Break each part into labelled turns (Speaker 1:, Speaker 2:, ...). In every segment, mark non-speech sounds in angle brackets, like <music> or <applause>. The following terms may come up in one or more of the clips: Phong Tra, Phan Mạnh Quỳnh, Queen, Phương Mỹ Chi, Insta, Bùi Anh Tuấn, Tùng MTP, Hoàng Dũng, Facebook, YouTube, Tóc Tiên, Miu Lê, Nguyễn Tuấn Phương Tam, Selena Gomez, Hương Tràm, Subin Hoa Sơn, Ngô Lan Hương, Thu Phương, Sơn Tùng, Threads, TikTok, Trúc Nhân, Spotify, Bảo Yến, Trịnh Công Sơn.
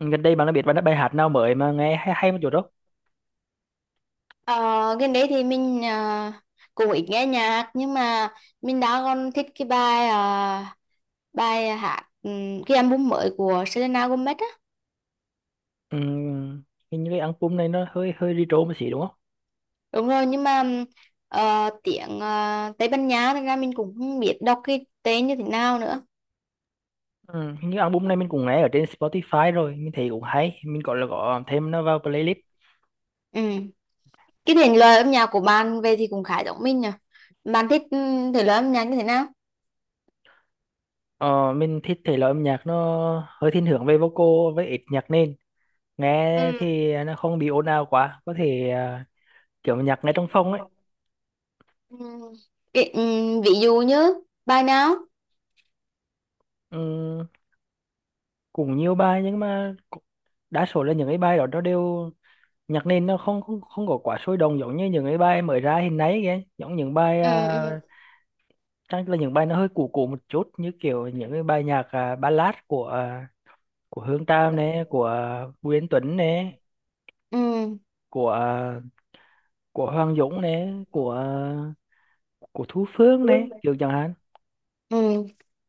Speaker 1: Gần đây bạn đã biết bài bài hát nào mới mà nghe hay hay một chút đó?
Speaker 2: Ờ, gần đấy thì mình cũng ít nghe nhạc nhưng mà mình đã còn thích cái bài bài hát cái album mới của Selena Gomez á.
Speaker 1: Ừm, hình như cái album này nó hơi hơi retro một xí đúng không?
Speaker 2: Đúng rồi nhưng mà tiếng Tây Ban Nha thành ra mình cũng không biết đọc cái tên như thế nào nữa.
Speaker 1: Hình như album này mình cũng nghe ở trên Spotify rồi, mình thấy cũng hay, mình gọi là có thêm nó vào playlist.
Speaker 2: Ừ. Cái thể loại âm nhạc của bạn về thì cũng khá giống mình nhỉ. Bạn thích thể loại âm nhạc như thế nào?
Speaker 1: Ờ, mình thích thể loại âm nhạc nó hơi thiên hướng về vocal với ít nhạc nền, nghe
Speaker 2: Ừ.
Speaker 1: thì nó không bị ồn ào quá, có thể kiểu nhạc nghe trong phòng ấy.
Speaker 2: Ừm, ví dụ như bài nào?
Speaker 1: Ừm, cũng nhiều bài nhưng mà đa số là những cái bài đó nó đều nhạc nền nó không không không có quá sôi động, giống như những cái bài mới ra hiện nay kìa, giống những bài
Speaker 2: Ừ.
Speaker 1: à, Chắc là những bài nó hơi cũ cũ một chút, như kiểu những cái bài nhạc ballad của của Hương Tràm này, của Bùi Anh Tuấn này,
Speaker 2: Ừ.
Speaker 1: của của Hoàng Dũng này, của của Thu Phương này,
Speaker 2: Ừ.
Speaker 1: kiểu chẳng hạn.
Speaker 2: Ừ.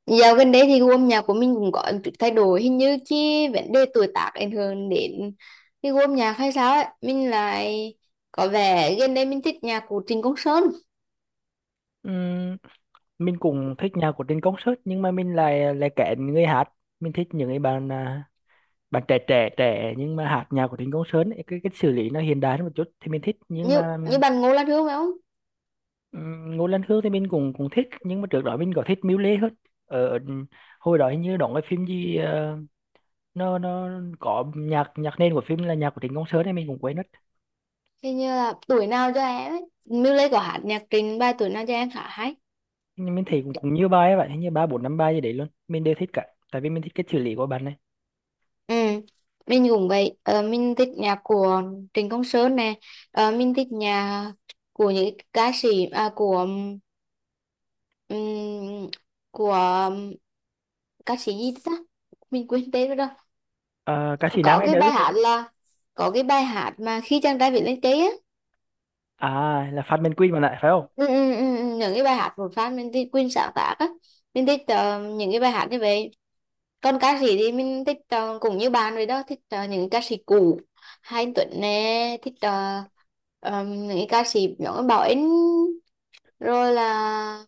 Speaker 2: Dạo gần đây thì gu âm nhạc của mình cũng có một chút thay đổi, hình như cái vấn đề tuổi tác ảnh hưởng đến cái gu âm nhạc hay sao ấy. Mình lại có vẻ gần đây mình thích nhạc của Trịnh Công Sơn.
Speaker 1: Ừm, mình cũng thích nhạc của trên concert nhưng mà mình lại lại kén người hát. Mình thích những cái bạn, bạn trẻ trẻ trẻ nhưng mà hát nhạc của trên concert ấy, cái xử lý nó hiện đại hơn một chút thì mình thích, nhưng
Speaker 2: Như
Speaker 1: mà…
Speaker 2: như bạn Ngô Lan Hương phải không?
Speaker 1: Ngô Lan Hương thì mình cũng cũng thích, nhưng mà trước đó mình có thích Miu Lê hơn ở hồi đó. Hình như đóng cái phim gì, nó có nhạc nhạc nền của phim là nhạc của Trịnh Công Sơn ấy, mình cũng quên mất.
Speaker 2: Hình như là tuổi nào cho em ấy, Miu Lê có hát nhạc Trịnh, bài tuổi nào cho em khá hay.
Speaker 1: Nhưng mình thấy cũng cũng nhiều bài ấy, vậy hình như ba bốn năm bài gì đấy luôn mình đều thích cả, tại vì mình thích cái xử lý của bạn này.
Speaker 2: Ừ. Mình cũng vậy. Ờ, mình thích nhạc của Trịnh Công Sơn nè. Mình thích nhạc của những ca sĩ ừm, của ca sĩ gì ta, mình quên tên rồi.
Speaker 1: Ờ, ca sĩ nam
Speaker 2: Có
Speaker 1: hay
Speaker 2: cái
Speaker 1: nữ?
Speaker 2: bài hát là có cái bài hát mà khi chàng trai viết lên cây á.
Speaker 1: À, là Phan Mạnh Quỳnh mà lại phải không?
Speaker 2: Ừ, những cái bài hát của fan mình thích Queen sáng tác á. Mình thích những cái bài hát như vậy. Còn ca sĩ thì mình thích, cũng như bạn rồi đó, thích những ca sĩ cũ. Hai anh Tuấn nè, thích những cái ca sĩ nhỏ Bảo Yến, rồi là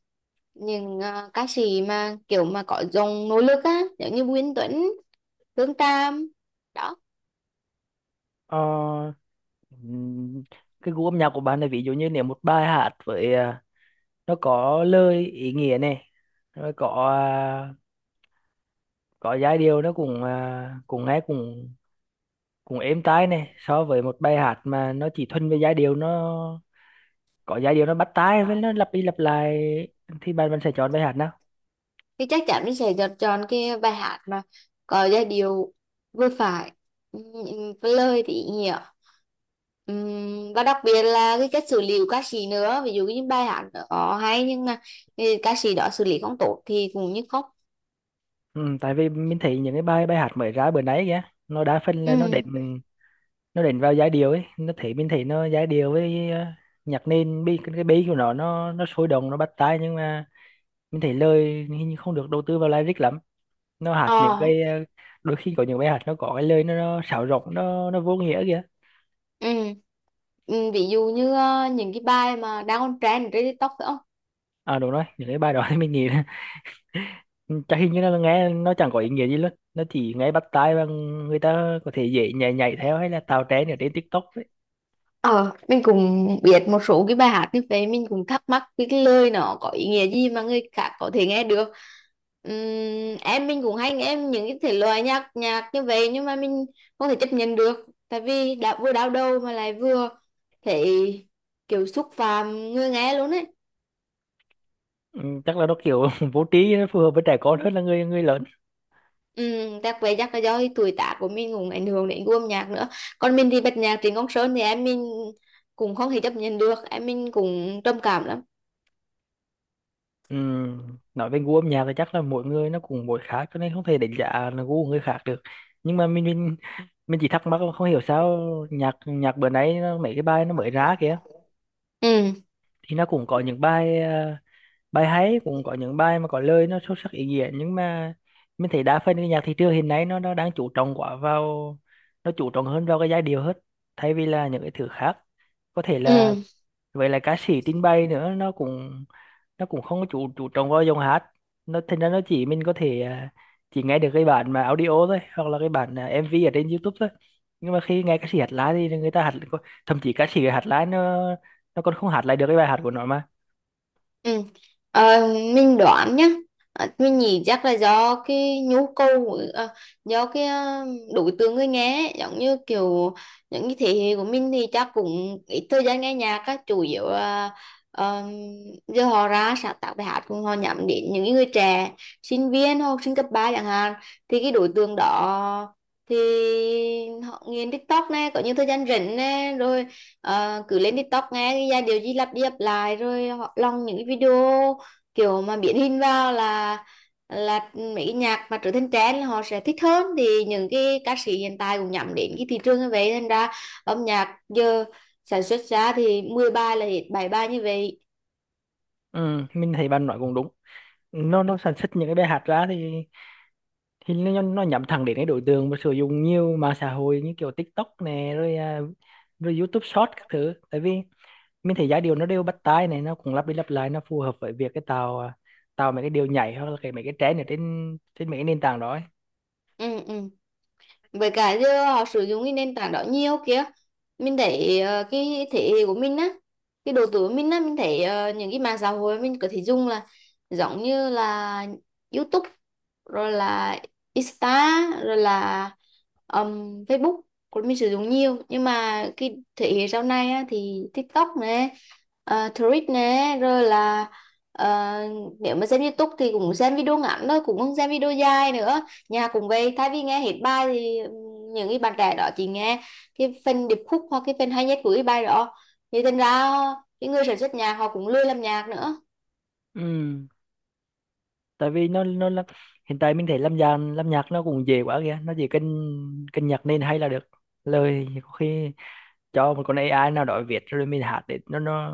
Speaker 2: những ca sĩ mà kiểu mà có dòng nỗ lực á giống như Nguyễn Tuấn, phương tam đó.
Speaker 1: Ờ, ừm, cái gu âm nhạc của bạn này, ví dụ như nếu một bài hát với nó có lời ý nghĩa này, rồi có giai điệu nó cũng cũng nghe cũng cũng êm tai này, so với một bài hát mà nó chỉ thuần về giai điệu, nó có giai điệu nó bắt tai với nó lặp đi lặp lại, thì bạn bạn sẽ chọn bài hát nào?
Speaker 2: Thì chắc chắn mình sẽ chọn chọn cái bài hát mà có giai điệu vừa phải, ừm, với lời thì ý nghĩa. Và đặc biệt là cái cách xử lý của ca sĩ nữa, ví dụ như bài hát đó hay nhưng mà ừ, ca sĩ đó xử lý không tốt thì cũng như khóc.
Speaker 1: Ừ, tại vì mình thấy những cái bài bài hát mới ra bữa nay kìa, nó đa phần là nó đến,
Speaker 2: Ừ.
Speaker 1: nó đến vào giai điệu ấy, nó thấy mình thấy nó giai điệu với nhạc nền bi, cái bi của nó nó sôi động, nó bắt tai, nhưng mà mình thấy lời hình như không được đầu tư vào lyric lắm. Nó hạt những
Speaker 2: Ờ.
Speaker 1: cái, đôi khi có những bài hát nó có cái lời nó sáo rỗng, nó vô nghĩa kìa.
Speaker 2: Ừ. Ừ, ví dụ như những cái bài mà đang on trend trên TikTok phải không?
Speaker 1: À đúng rồi, những cái bài đó thì mình nghĩ là <laughs> chắc hình như là nghe nó chẳng có ý nghĩa gì luôn, nó chỉ nghe bắt tai và người ta có thể dễ nhảy nhảy theo hay là tạo trend ở trên TikTok đấy.
Speaker 2: Ờ, mình cũng biết một số cái bài hát như vậy, mình cũng thắc mắc cái lời nó có ý nghĩa gì mà người khác có thể nghe được. Em mình cũng hay nghe những cái thể loại nhạc nhạc như vậy nhưng mà mình không thể chấp nhận được, tại vì đã vừa đau đầu mà lại vừa thấy kiểu xúc phạm người nghe luôn ấy.
Speaker 1: Ừ, chắc là nó kiểu <laughs> vô trí, nó phù hợp với trẻ con hơn là người người lớn.
Speaker 2: Chắc vậy, chắc là do cái tuổi tác của mình cũng ảnh hưởng đến gu âm nhạc nữa. Còn mình thì bật nhạc Trịnh Công Sơn thì em mình cũng không thể chấp nhận được, em mình cũng trầm cảm lắm.
Speaker 1: Ừ, nói về gu âm nhạc thì chắc là mỗi người nó cũng mỗi khác, cho nên không thể đánh giá là gu của người khác được. Nhưng mà mình mình chỉ thắc mắc là không hiểu sao nhạc nhạc bữa nay nó, mấy cái bài nó mới ra kìa,
Speaker 2: Ừ.
Speaker 1: thì nó cũng có những bài, bài hay, cũng có những bài mà có lời nó sâu sắc ý nghĩa, nhưng mà mình thấy đa phần cái nhạc thị trường hiện nay nó đang chú trọng quá vào, nó chú trọng hơn vào cái giai điệu hết, thay vì là những cái thứ khác. Có thể là
Speaker 2: Ừ.
Speaker 1: vậy, là ca sĩ trình bày nữa nó cũng, nó cũng không có chú trọng vào giọng hát, nó thành ra nó chỉ mình có thể chỉ nghe được cái bản mà audio thôi, hoặc là cái bản MV ở trên YouTube thôi. Nhưng mà khi nghe ca sĩ hát live thì người ta hát, thậm chí ca sĩ hát live nó còn không hát lại được cái bài hát của nó mà.
Speaker 2: Ừ. Ờ, mình đoán nhá. Ờ, mình nghĩ chắc là do cái nhu cầu của- ờ, do cái đối tượng người nghe ấy. Giống như kiểu những cái thế hệ của mình thì chắc cũng ít thời gian nghe nhạc á, chủ yếu là ờ, giờ họ ra sáng tạo bài hát cũng họ nhắm đến những cái người trẻ, sinh viên hoặc học sinh cấp 3 chẳng hạn. Thì cái đối tượng đó thì họ nghiền TikTok này, có những thời gian rảnh này rồi. Ờ, cứ lên TikTok nghe cái giai điệu gì lặp đi lặp lại rồi họ lòng những cái video kiểu mà biến hình vào là mấy cái nhạc mà trở thành trend là họ sẽ thích hơn. Thì những cái ca sĩ hiện tại cũng nhắm đến cái thị trường như vậy, thành ra âm nhạc giờ sản xuất ra thì 10 bài là hết 7 bài như vậy.
Speaker 1: Ừ, mình thấy bạn nói cũng đúng. Nó sản xuất những cái bài hát ra thì nó nhắm thẳng đến cái đối tượng mà sử dụng nhiều mạng xã hội như kiểu TikTok này, rồi rồi YouTube Short các thứ, tại vì mình thấy giai điệu nó đều bắt tai này, nó cũng lặp đi lặp lại, nó phù hợp với việc cái tạo tạo mấy cái điệu nhảy hoặc là cái mấy cái trend ở trên trên mấy cái nền tảng đó ấy.
Speaker 2: Ừ. Ừ. Với cả giờ họ sử dụng cái nền tảng đó nhiều kia. Mình thấy cái thế hệ của mình á, cái độ tuổi của mình á, mình thấy những cái mạng xã hội mình có thể dùng là giống như là YouTube rồi là Insta rồi là Facebook của mình sử dụng nhiều. Nhưng mà cái thế hệ sau này á thì TikTok nè, Threads nè rồi là ờ, nếu mà xem YouTube thì cũng xem video ngắn thôi, cũng không xem video dài nữa. Nhà cũng vậy, thay vì nghe hết bài thì ừ, những cái bạn trẻ đó chỉ nghe cái phần điệp khúc hoặc cái phần hay nhất của cái bài đó. Thì thành ra cái người sản xuất nhạc họ cũng lười làm nhạc nữa.
Speaker 1: Ừ, tại vì nó là hiện tại mình thấy lâm nhạc nó cũng dễ quá kìa, nó chỉ cần cần nhạc nền hay là được, lời thì có khi cho một con AI nào đó viết rồi mình hát để nó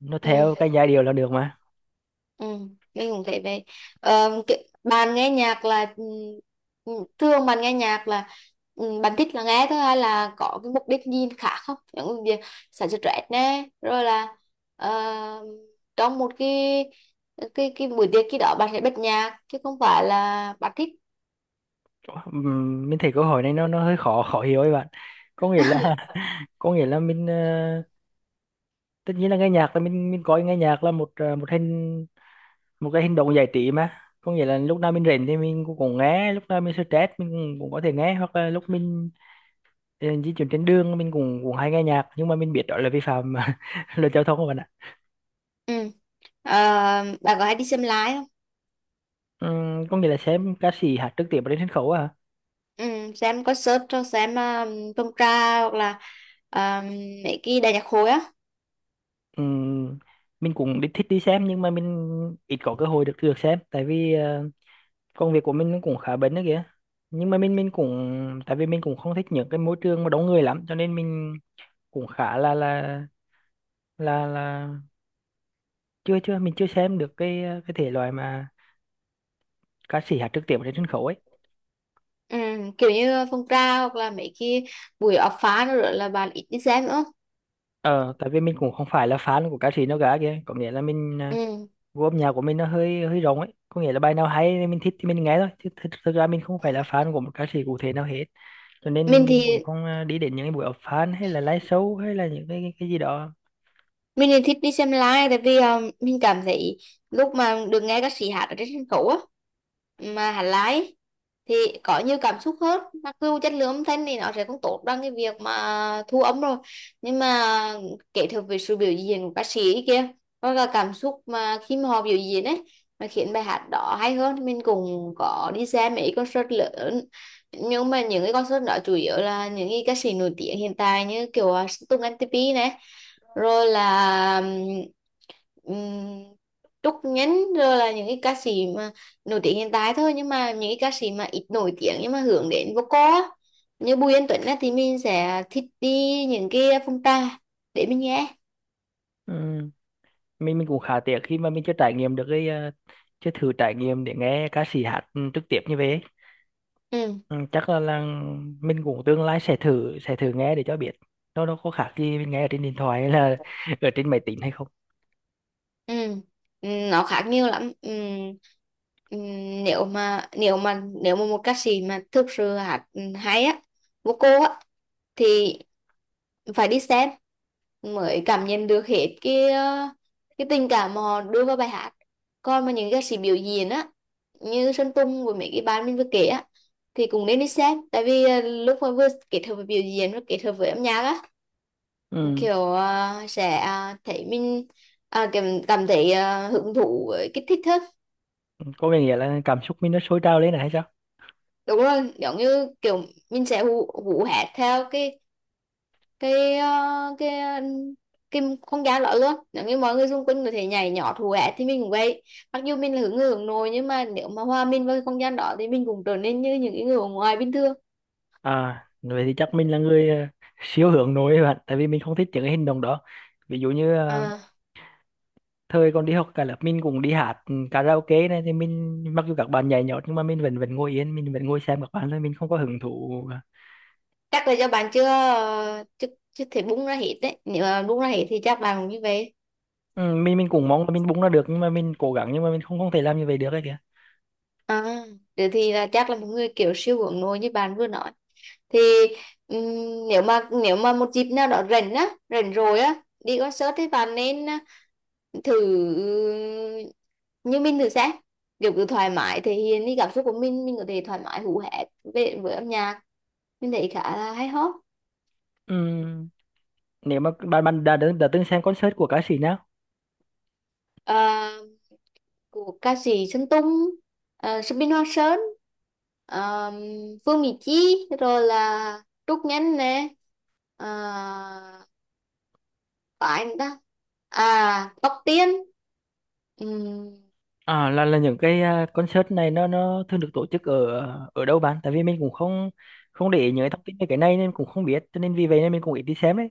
Speaker 1: nó
Speaker 2: Ừ.
Speaker 1: theo cái giai điệu là được mà.
Speaker 2: Ừ. Mình cũng thấy vậy. Bạn nghe nhạc là ừ, thường bạn nghe nhạc là ừ, bạn thích là nghe thôi hay là có cái mục đích gì khác không, những cái việc sản xuất rap nè, rồi là ờ, trong một cái buổi tiệc khi đó bạn sẽ bật nhạc chứ không phải là bạn thích.
Speaker 1: Mình thấy câu hỏi này nó hơi khó khó hiểu ấy bạn, có nghĩa là <laughs> có nghĩa là mình, tất nhiên là nghe nhạc là mình coi nghe nhạc là một, một hình, một cái hành động giải trí mà, có nghĩa là lúc nào mình rảnh thì mình cũng, cũng nghe, lúc nào mình stress mình cũng, cũng có thể nghe, hoặc là lúc mình di chuyển trên đường mình cũng cũng hay nghe nhạc, nhưng mà mình biết đó là vi phạm <laughs> luật giao thông các bạn ạ.
Speaker 2: Ừ. Ờ, bà có hay đi xem lái không?
Speaker 1: Có nghĩa là xem ca sĩ hát trực tiếp trên sân khấu à?
Speaker 2: Ừ, xem concert cho xem Phong Tra hoặc là um, mấy cái đại nhạc hội á.
Speaker 1: Ừ, mình cũng đi thích đi xem nhưng mà mình ít có cơ hội được được xem, tại vì công việc của mình nó cũng khá bận đó kìa, nhưng mà mình cũng tại vì mình cũng không thích những cái môi trường mà đông người lắm, cho nên mình cũng khá là chưa chưa mình chưa xem được cái cái thể loại mà ca sĩ hát trực tiếp ở trên sân khấu ấy.
Speaker 2: Ừ, kiểu như Phong Tra hoặc là mấy cái buổi ập phá nữa là bạn ít đi xem nữa.
Speaker 1: Ờ, tại vì mình cũng không phải là fan của ca sĩ nào cả kìa, có nghĩa là mình,
Speaker 2: Ừ.
Speaker 1: gu âm nhạc của mình nó hơi hơi rộng ấy, có nghĩa là bài nào hay thì mình thích thì mình nghe thôi, chứ thực, thực ra mình không phải là fan của một ca sĩ cụ thể nào hết, cho
Speaker 2: Mình
Speaker 1: nên mình cũng
Speaker 2: thì
Speaker 1: không đi đến những cái buổi họp fan hay là live show hay là những cái gì đó.
Speaker 2: mình thì thích đi xem live, tại vì mình cảm thấy lúc mà được nghe các sĩ hát ở trên sân khấu á, mà hát live thì có nhiều cảm xúc hơn, mặc dù chất lượng âm thanh thì nó sẽ không tốt bằng cái việc mà thu âm rồi. Nhưng mà kết hợp với sự biểu diễn của ca sĩ kia hoặc là cảm xúc mà khi mà họ biểu diễn ấy mà khiến bài hát đó hay hơn. Mình cũng có đi xem mấy concert lớn, nhưng mà những cái concert đó chủ yếu là những cái ca sĩ nổi tiếng hiện tại, như kiểu Tùng MTP này rồi là um, Trúc Nhân, rồi là những cái ca sĩ mà nổi tiếng hiện tại thôi. Nhưng mà những cái ca sĩ mà ít nổi tiếng nhưng mà hướng đến vocal á, như Bùi Anh Tuấn á, thì mình sẽ thích đi những cái phong trà để mình nghe.
Speaker 1: Ừ. mình cũng khá tiếc khi mà mình chưa trải nghiệm được cái chưa thử trải nghiệm để nghe ca sĩ hát ừ, trực tiếp như vậy ấy.
Speaker 2: Ừ.
Speaker 1: Ừ. Chắc là mình cũng tương lai sẽ thử nghe để cho biết nó có khác gì mình nghe ở trên điện thoại hay là <laughs> ở trên máy tính hay không.
Speaker 2: Ừ. Ừ, nó khác nhiều lắm. Ừ. Ừ, nếu mà một ca sĩ mà thực sự hát hay á, vocal á, thì phải đi xem mới cảm nhận được hết cái cái tình cảm mà họ đưa vào bài hát. Còn mà những ca sĩ biểu diễn á, như Sơn Tùng với mấy cái bạn mình vừa kể á, thì cũng nên đi xem, tại vì lúc mà vừa kết hợp với biểu diễn và kết hợp với âm nhạc á,
Speaker 1: Ừ,
Speaker 2: kiểu thấy mình cảm thấy hứng thú với cái thích thức.
Speaker 1: có nghĩa là cảm xúc mình nó sôi trào lên là hay sao?
Speaker 2: Đúng rồi, giống như kiểu mình sẽ hú hét theo cái cái ờ, cái ờ, cái không gian đó luôn. Nếu như mọi người xung quanh có thể nhảy nhỏ thù hét thì mình cũng vậy. Mặc dù mình là hướng người hướng nội nhưng mà nếu mà hòa mình vào cái không gian đó thì mình cũng trở nên như những cái người ở ngoài bình thường.
Speaker 1: À, vậy thì chắc mình là người siêu hướng nội ấy bạn, tại vì mình không thích những cái hành động đó. Ví dụ như
Speaker 2: à,
Speaker 1: thời còn đi học cả lớp mình cũng đi hát ừ, karaoke này, thì mình mặc dù các bạn nhảy nhót nhưng mà mình vẫn vẫn ngồi yên, mình vẫn ngồi xem các bạn thôi, mình không có hứng thú. Ờ,
Speaker 2: Chắc là do bạn chưa ờ, chưa chưa thể bung ra hết đấy, nếu mà bung ra hết thì chắc bạn cũng như vậy.
Speaker 1: Ừ, mình cũng mong là mình búng ra được, nhưng mà mình cố gắng nhưng mà mình không không thể làm như vậy được ấy kìa.
Speaker 2: à, Thế thì là chắc là một người kiểu siêu hướng nội như bạn vừa nói thì nếu mà một dịp nào đó rảnh á, rảnh rồi á, đi concert thì bạn nên thử như mình, thử xem, kiểu cứ thoải mái thể hiện đi, cảm xúc của mình có thể thoải mái hú hét về với âm nhạc, mình thấy khá là hay ho.
Speaker 1: Ừ, nếu mà bạn bạn đã từng xem concert của ca sĩ nào?
Speaker 2: À, của ca sĩ Sơn Tùng, Subin Hoa Sơn, à, Phương Mỹ Chi rồi là Trúc Nhân nè, à, có anh ta, à Tóc Tiên. Ừm.
Speaker 1: À, là những cái concert này nó thường được tổ chức ở ở đâu bạn? Tại vì mình cũng không không để ý những cái thông tin về cái này nên cũng không biết, cho nên vì vậy nên mình cũng ít đi xem đấy.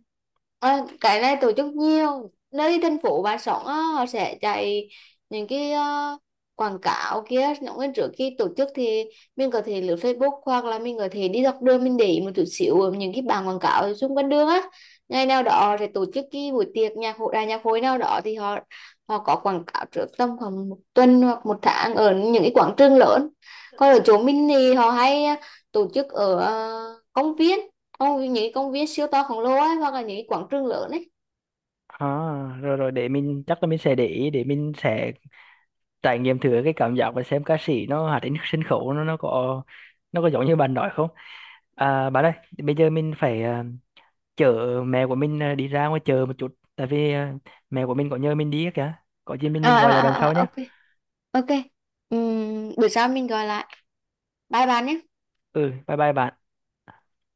Speaker 2: Ờ, cái này tổ chức nhiều nơi. Thành phố bà sống á, họ sẽ chạy những cái quảng cáo kia, những cái trước khi tổ chức thì mình có thể lướt Facebook hoặc là mình có thể đi dọc đường, mình để ý một chút xíu ở những cái bảng quảng cáo ở xung quanh đường á. Ngày nào đó họ sẽ tổ chức cái buổi tiệc nhạc hội, đài nhạc hội nào đó thì họ họ có quảng cáo trước tầm khoảng một tuần hoặc một tháng ở những cái quảng trường lớn. Còn ở chỗ mình thì họ hay tổ chức ở công viên. Ồ, những cái công viên siêu to khổng lồ ấy, hoặc là những cái quảng trường lớn ấy.
Speaker 1: À, rồi rồi để mình chắc là mình sẽ để ý để mình sẽ trải nghiệm thử cái cảm giác và xem ca sĩ nó hát trên sân khấu nó có nó có giống như bạn nói không? À, bạn ơi, bây giờ mình phải chở mẹ của mình đi ra ngoài chờ một chút, tại vì mẹ của mình có nhờ mình đi á kìa. Có gì mình mình gọi lại bạn sau nhé.
Speaker 2: Ok. Ok. Buổi sau mình gọi lại. Bye bye nhé.
Speaker 1: Ừ, bye bye bạn.